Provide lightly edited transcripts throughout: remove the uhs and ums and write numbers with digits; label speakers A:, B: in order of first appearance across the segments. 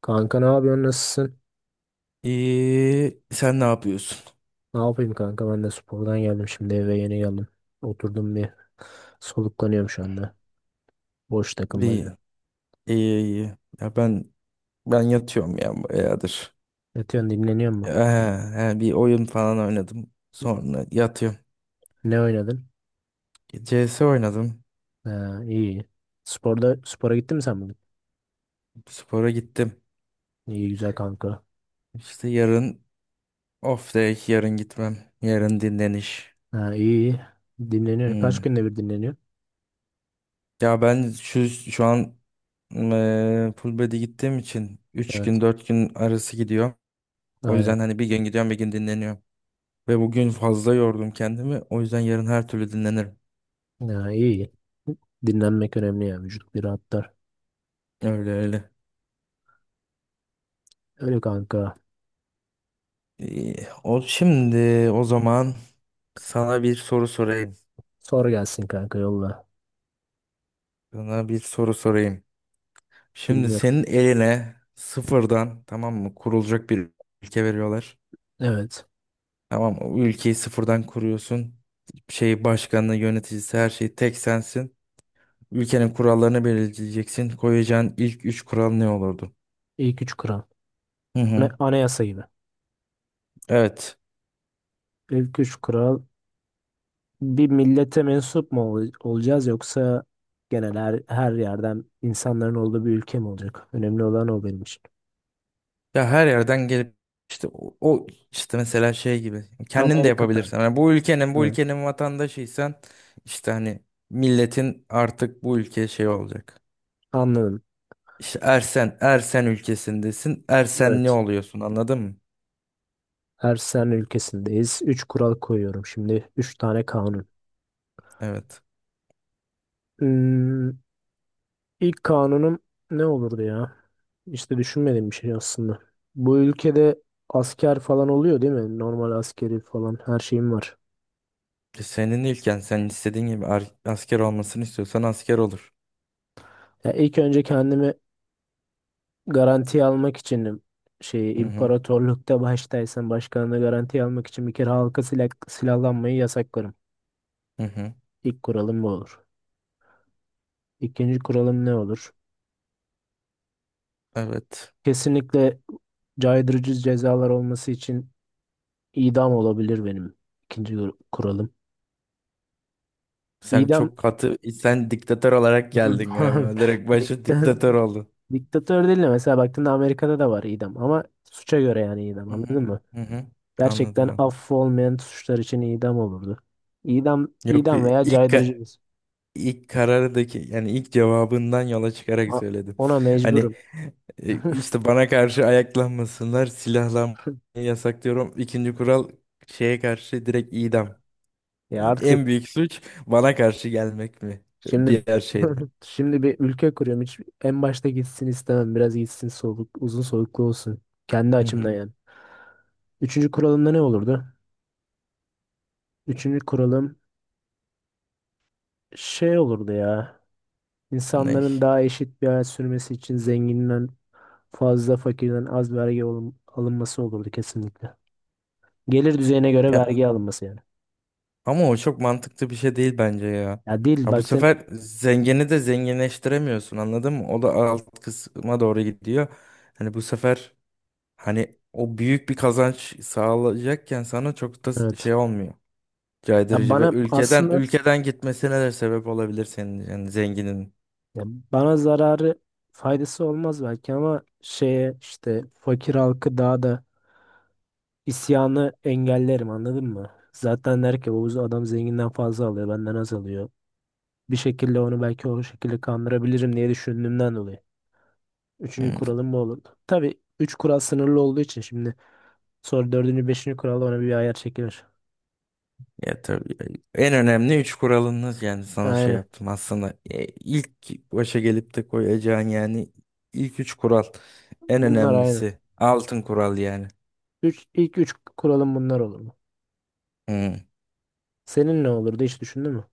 A: Kanka ne yapıyorsun? Nasılsın?
B: İyi, sen ne yapıyorsun?
A: Ne yapayım kanka? Ben de spordan geldim şimdi eve yeni geldim. Oturdum bir soluklanıyorum şu anda. Boş takılmaca.
B: İyi, iyi, iyi. Ya ben yatıyorum ya bayağıdır.
A: Yatıyorsun dinleniyor
B: Ya,
A: mu?
B: he, he, bir oyun falan oynadım. Sonra yatıyorum.
A: Ne oynadın?
B: CS oynadım.
A: Ha, iyi. Sporda spora gittin mi sen bugün?
B: Spora gittim.
A: İyi güzel kanka.
B: İşte yarın off day, yarın gitmem. Yarın dinleniş.
A: Ha, iyi. Dinleniyor. Kaç
B: Hmm.
A: günde bir dinleniyor?
B: Ya ben şu an full body gittiğim için üç
A: Evet.
B: gün 4 gün arası gidiyor. O
A: Aynen.
B: yüzden hani bir gün gidiyorum bir gün dinleniyorum. Ve bugün fazla yordum kendimi. O yüzden yarın her türlü dinlenirim.
A: Ha, iyi. Dinlenmek önemli ya. Vücut bir rahatlar.
B: Öyle öyle.
A: Öyle kanka.
B: İyi, o şimdi o zaman sana bir soru sorayım.
A: Sor gelsin kanka yolla.
B: Sana bir soru sorayım. Şimdi
A: Dinliyorum.
B: senin eline sıfırdan, tamam mı, kurulacak bir ülke veriyorlar.
A: Evet.
B: Tamam mı? O ülkeyi sıfırdan kuruyorsun. Şey başkanı, yöneticisi, her şey tek sensin. Ülkenin kurallarını belirleyeceksin. Koyacağın ilk üç kural ne olurdu?
A: İlk üç kral.
B: Hı hı.
A: Anayasa gibi.
B: Evet.
A: İlk üç kural bir millete mensup mu olacağız yoksa genel her yerden insanların olduğu bir ülke mi olacak? Önemli olan o benim için.
B: Ya her yerden gelip işte o işte mesela şey gibi kendin de
A: Amerika'dan.
B: yapabilirsin. Yani bu ülkenin bu
A: Evet.
B: ülkenin vatandaşıysan işte hani milletin artık bu ülke şey olacak.
A: Anladım.
B: İşte Ersen Ersen ülkesindesin. Ersen ne
A: Evet.
B: oluyorsun, anladın mı?
A: Her sen ülkesindeyiz. Üç kural koyuyorum şimdi. Üç tane kanun.
B: Evet.
A: Hmm, ilk kanunum ne olurdu ya? İşte düşünmediğim bir şey aslında. Bu ülkede asker falan oluyor değil mi? Normal askeri falan her şeyim var.
B: Senin ülken, sen istediğin gibi asker olmasını istiyorsan asker olur.
A: Ya ilk önce kendimi garanti almak için şey
B: Hı hı.
A: imparatorlukta baştaysan başkanına garanti almak için bir kere halka silahlanmayı yasaklarım.
B: Hı hı.
A: İlk kuralım bu olur. İkinci kuralım ne olur?
B: Evet.
A: Kesinlikle caydırıcı cezalar olması için idam olabilir benim ikinci kuralım.
B: Sen
A: İdam.
B: çok katı, sen diktatör olarak geldin galiba. Direkt başı
A: Dikta-
B: diktatör oldun.
A: diktatör değil de mesela baktığında Amerika'da da var idam ama suça göre yani idam,
B: Hı hı.
A: anladın mı?
B: Hı hı. Anladım,
A: Gerçekten
B: abi.
A: affı olmayan suçlar için idam olurdu. İdam,
B: Yok,
A: idam veya
B: ilk
A: caydırıcı.
B: ka- ilk karardaki, yani ilk cevabından yola çıkarak
A: Ha,
B: söyledim.
A: ona
B: Hani
A: mecburum.
B: işte bana karşı ayaklanmasınlar, silahlanmayı yasaklıyorum. İkinci kural şeye karşı direkt idam.
A: Ya
B: Yani
A: artık
B: en büyük suç bana karşı gelmek mi?
A: şimdi,
B: Diğer şeyden.
A: şimdi bir ülke kuruyorum. Hiç en başta gitsin istemem. Biraz gitsin soluk, uzun soluklu olsun. Kendi
B: Hı hı.
A: açımdan yani. Üçüncü kuralımda ne olurdu? Üçüncü kuralım şey olurdu ya.
B: Ne?
A: İnsanların daha eşit bir hayat sürmesi için zenginden fazla, fakirden az vergi alınması olurdu kesinlikle. Gelir düzeyine göre
B: Ya
A: vergi alınması yani.
B: ama o çok mantıklı bir şey değil bence ya.
A: Ya değil
B: Ya bu
A: baktın,
B: sefer zengini de zenginleştiremiyorsun, anladın mı? O da alt kısma doğru gidiyor. Hani bu sefer, hani o büyük bir kazanç sağlayacakken sana çok da
A: evet.
B: şey olmuyor.
A: Ya
B: Caydırıcı, ve
A: bana
B: ülkeden
A: aslında,
B: ülkeden gitmesine de sebep olabilir senin, yani zenginin.
A: ya bana zararı faydası olmaz belki ama şeye işte fakir halkı daha da isyanı engellerim, anladın mı? Zaten der ki bu adam zenginden fazla alıyor, benden az alıyor. Bir şekilde onu belki o şekilde kandırabilirim diye düşündüğümden dolayı. Üçüncü
B: Hmm,
A: kuralım bu olur. Tabii üç kural sınırlı olduğu için şimdi sonra dördüncü beşinci kuralda ona bir ayar çekilir.
B: ya tabii. En önemli üç kuralınız, yani sana şey
A: Aynen.
B: yaptım aslında, ilk başa gelip de koyacağın, yani ilk üç kural, en
A: Bunlar aynı.
B: önemlisi, altın kural yani.
A: Üç, ilk üç kuralım bunlar olur mu?
B: Hmm.
A: Senin ne olurdu, hiç düşündün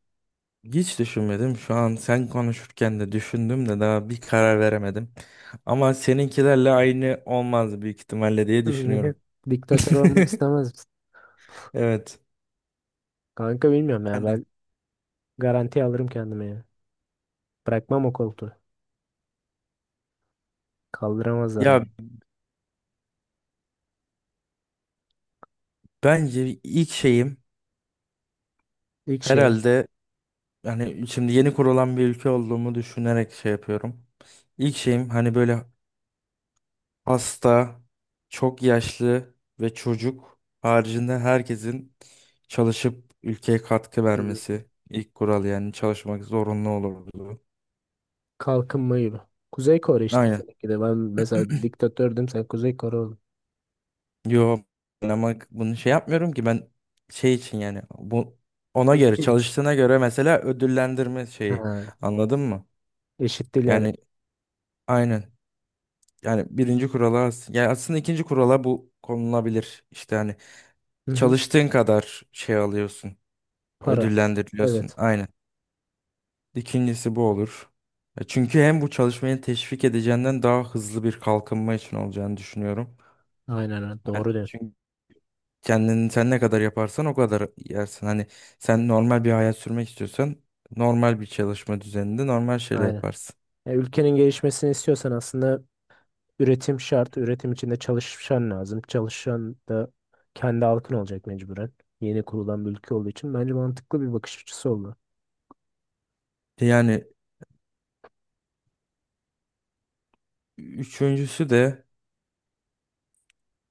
B: Hiç düşünmedim. Şu an sen konuşurken de düşündüm de daha bir karar veremedim. Ama seninkilerle aynı olmaz büyük ihtimalle diye
A: mü?
B: düşünüyorum.
A: Diktatör olmak istemez.
B: Evet.
A: Kanka bilmiyorum ya,
B: Yani
A: ben garanti alırım kendime ya. Bırakmam o koltuğu. Kaldıramazlar
B: ya,
A: beni.
B: bence ilk şeyim
A: İlk şeyim
B: herhalde, hani şimdi yeni kurulan bir ülke olduğumu düşünerek şey yapıyorum. İlk şeyim hani böyle hasta, çok yaşlı ve çocuk haricinde herkesin çalışıp ülkeye katkı
A: hı,
B: vermesi. İlk kural yani, çalışmak zorunlu olurdu.
A: kalkınma gibi. Kuzey Kore işte
B: Aynen.
A: seninki de. Ben mesela diktatördüm, sen Kuzey Kore oldun.
B: Yo, ben ama bunu şey yapmıyorum ki, ben şey için, yani bu, ona göre
A: Ülke hiç.
B: çalıştığına göre mesela ödüllendirme şeyi,
A: Ha,
B: anladın mı?
A: eşit değil yani.
B: Yani aynen. Yani birinci kurala, yani aslında ikinci kurala bu konulabilir. İşte hani
A: Hı hı.
B: çalıştığın kadar şey alıyorsun,
A: Para.
B: ödüllendiriliyorsun.
A: Evet.
B: Aynen. İkincisi bu olur. Çünkü hem bu çalışmayı teşvik edeceğinden daha hızlı bir kalkınma için olacağını düşünüyorum.
A: Aynen öyle.
B: Yani
A: Doğru diyorsun.
B: çünkü kendini sen ne kadar yaparsan o kadar yersin. Hani sen normal bir hayat sürmek istiyorsan normal bir çalışma düzeninde normal şeyler
A: Aynen.
B: yaparsın.
A: Ya ülkenin gelişmesini istiyorsan aslında üretim şart. Üretim içinde çalışan lazım. Çalışan da kendi halkın olacak mecburen. Yeni kurulan bir ülke olduğu için bence mantıklı bir bakış açısı oldu.
B: Yani üçüncüsü de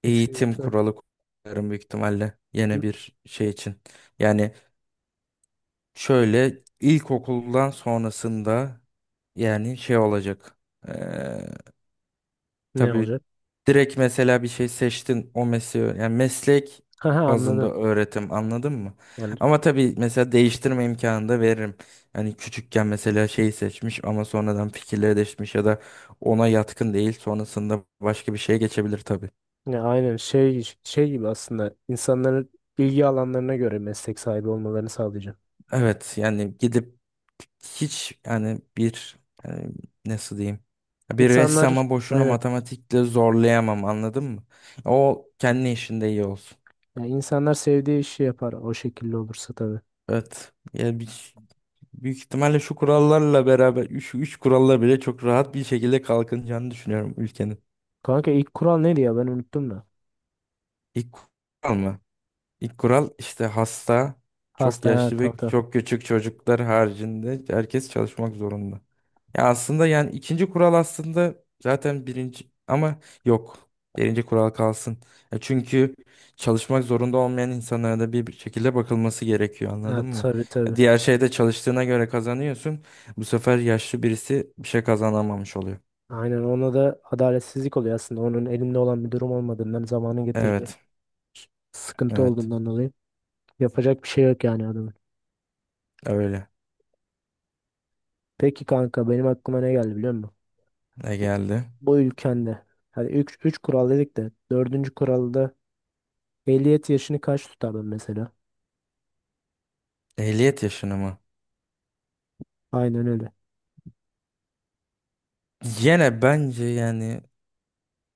B: eğitim
A: Üçüncü.
B: kuralı koyarım büyük ihtimalle, yine bir şey için. Yani şöyle, ilkokuldan sonrasında yani şey olacak.
A: Ne
B: Tabii
A: olacak?
B: direkt mesela bir şey seçtin, o mesleği, yani meslek
A: Haha, anladım.
B: bazında öğretim, anladın mı?
A: Yani
B: Ama tabii mesela değiştirme imkanı da veririm. Hani küçükken mesela şeyi seçmiş ama sonradan fikirleri değişmiş ya da ona yatkın değil, sonrasında başka bir şeye geçebilir tabii.
A: ne aynen şey gibi aslında insanların bilgi alanlarına göre meslek sahibi olmalarını sağlayacağım.
B: Evet, yani gidip, hiç yani, bir yani, nasıl diyeyim, bir
A: İnsanlar
B: ressama boşuna
A: aynen.
B: matematikle zorlayamam, anladın mı? O kendi işinde iyi olsun.
A: Yani insanlar sevdiği işi yapar, o şekilde olursa tabii.
B: Evet. Yani büyük ihtimalle şu kurallarla beraber, şu üç kuralla bile çok rahat bir şekilde kalkınacağını düşünüyorum ülkenin.
A: Kanka ilk kural neydi ya, ben unuttum da.
B: İlk kural mı? İlk kural işte hasta, çok
A: Hasta, ha
B: yaşlı ve
A: tamam tamam.
B: çok küçük çocuklar haricinde herkes çalışmak zorunda. Ya aslında yani ikinci kural aslında zaten birinci, ama yok. Birinci kural kalsın. Ya çünkü çalışmak zorunda olmayan insanlara da bir şekilde bakılması gerekiyor,
A: Ha,
B: anladın mı?
A: tabii tabii.
B: Ya, diğer şeyde çalıştığına göre kazanıyorsun. Bu sefer yaşlı birisi bir şey kazanamamış oluyor.
A: Aynen, ona da adaletsizlik oluyor aslında. Onun elinde olan bir durum olmadığından, zamanın getirdiği
B: Evet,
A: sıkıntı
B: evet.
A: olduğundan dolayı yapacak bir şey yok yani adamın.
B: Öyle.
A: Peki kanka, benim aklıma ne geldi biliyor musun?
B: Ne
A: bu
B: geldi?
A: bu ülkende, hani üç kural dedik de dördüncü kuralda, ehliyet yaşını kaç tutardın mesela?
B: Ehliyet yaşını mı?
A: Aynen öyle.
B: Yine bence yani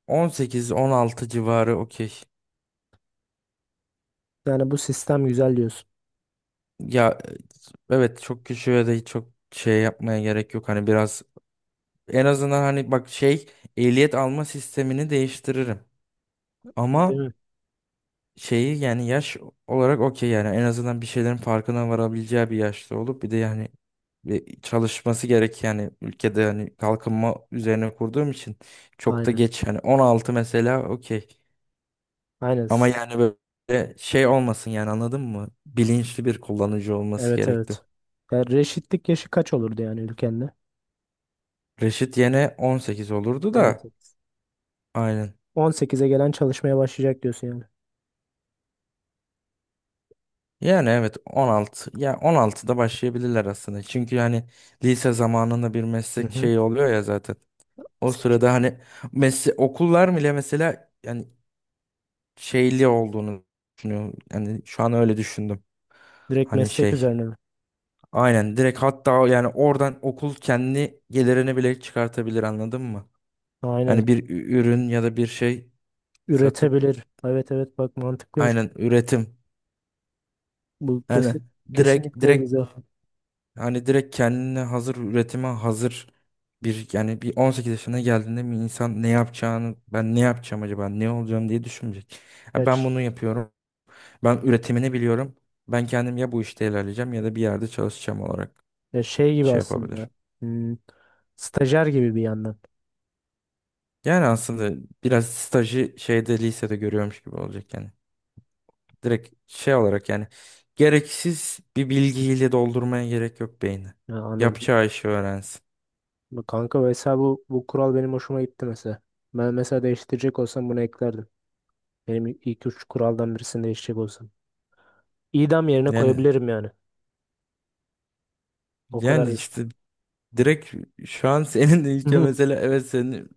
B: 18-16 civarı okey.
A: Yani bu sistem güzel diyorsun.
B: Ya evet, çok küçüğe de çok şey yapmaya gerek yok. Hani biraz, en azından hani bak şey, ehliyet alma sistemini değiştiririm.
A: Değil
B: Ama
A: mi?
B: şeyi, yani yaş olarak okey, yani en azından bir şeylerin farkına varabileceği bir yaşta olup bir de yani bir çalışması gerek, yani ülkede, yani kalkınma üzerine kurduğum için çok da
A: Aynen.
B: geç, yani 16 mesela okey.
A: Aynen.
B: Ama yani böyle şey olmasın yani, anladın mı? Bilinçli bir kullanıcı olması
A: Evet
B: gerekti.
A: evet. Yani reşitlik yaşı kaç olurdu yani ülkende?
B: Reşit yene 18 olurdu
A: on
B: da,
A: sekiz.
B: aynen.
A: 18'e gelen çalışmaya başlayacak diyorsun yani.
B: Yani evet, 16, ya 16'da başlayabilirler aslında. Çünkü hani lise zamanında bir
A: Hı
B: meslek
A: hı.
B: şeyi oluyor ya zaten. O
A: Seç.
B: sırada hani, mesle okullar bile mesela, yani şeyli olduğunu düşünüyorum. Yani şu an öyle düşündüm.
A: Direkt
B: Hani
A: meslek
B: şey,
A: üzerine mi?
B: aynen, direkt, hatta yani oradan okul kendi gelirini bile çıkartabilir, anladın mı?
A: Aynen.
B: Hani bir ürün ya da bir şey satıp,
A: Üretebilir. Evet evet, bak mantıklıymış.
B: aynen, üretim.
A: Bu
B: Yani
A: kesin,
B: direkt
A: kesinlikle
B: direkt
A: güzel.
B: hani direkt kendine hazır, üretime hazır bir, yani bir 18 yaşına geldiğinde bir insan ne yapacağını, ben ne yapacağım acaba, ne olacağım diye düşünmeyecek. Ha, ben bunu
A: Kaç?
B: yapıyorum. Ben üretimini biliyorum. Ben kendim, ya bu işte ilerleyeceğim ya da bir yerde çalışacağım olarak
A: Ya şey gibi
B: şey
A: aslında.
B: yapabilir.
A: hmm, Stajyer gibi bir yandan.
B: Yani aslında biraz stajı şeyde, lisede görüyormuş gibi olacak yani. Direkt şey olarak yani, gereksiz bir bilgiyle doldurmaya gerek yok beyni.
A: Ya, anladım.
B: Yapacağı işi öğrensin.
A: Bu kanka mesela, bu kural benim hoşuma gitti mesela. Ben mesela değiştirecek olsam bunu eklerdim. Benim ilk üç kuraldan birisini değiştirecek olsam. İdam yerine
B: Yani
A: koyabilirim yani. O kadar.
B: yani işte direkt, şu an senin de ilke mesela, evet, senin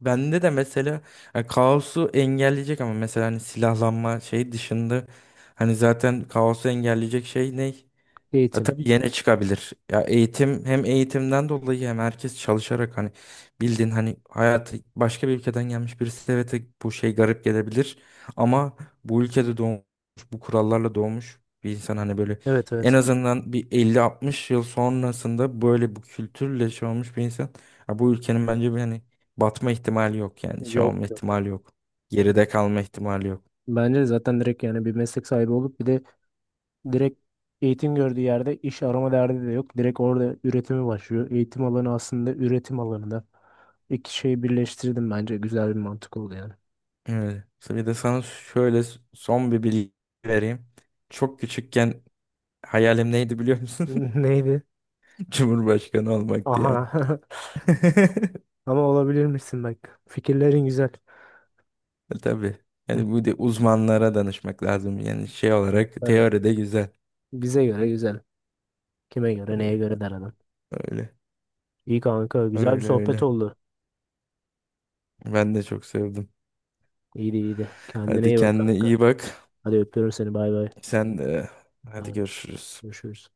B: bende de mesela, yani kaosu engelleyecek, ama mesela hani silahlanma şey dışında, hani zaten kaosu engelleyecek şey ne? Ya
A: Eğitim.
B: tabii yine çıkabilir. Ya eğitim, hem eğitimden dolayı hem herkes çalışarak, hani bildiğin hani hayatı, başka bir ülkeden gelmiş birisi evet, bu şey garip gelebilir, ama bu ülkede doğmuş, bu kurallarla doğmuş bir insan, hani böyle,
A: Evet
B: en
A: evet.
B: azından bir 50-60 yıl sonrasında böyle bu kültürle şey olmuş bir insan, ya bu ülkenin bence bir hani batma ihtimali yok, yani şey
A: Yok
B: olma
A: yok.
B: ihtimali yok. Geride kalma ihtimali yok.
A: Bence zaten direkt yani bir meslek sahibi olup bir de direkt eğitim gördüğü yerde iş arama derdi de yok. Direkt orada üretimi başlıyor. Eğitim alanı aslında üretim alanında. İki şeyi birleştirdim bence. Güzel bir mantık oldu yani.
B: Evet. Bir de sana şöyle son bir bilgi vereyim. Çok küçükken hayalim neydi biliyor musun?
A: Neydi?
B: Cumhurbaşkanı olmaktı yani.
A: Aha. Ama olabilir misin bak. Fikirlerin güzel.
B: Tabii. Yani bu de uzmanlara danışmak lazım. Yani şey olarak
A: Evet.
B: teoride güzel.
A: Bize göre güzel. Kime göre neye
B: Öyle.
A: göre der adam.
B: Öyle
A: İyi kanka. Güzel bir
B: öyle.
A: sohbet
B: Öyle.
A: oldu.
B: Ben de çok sevdim.
A: İyiydi iyiydi. Kendine
B: Hadi
A: iyi bak
B: kendine
A: kanka.
B: iyi bak.
A: Hadi öpüyorum seni. Bay bay.
B: Sen de hadi
A: Bay.
B: görüşürüz.
A: Görüşürüz.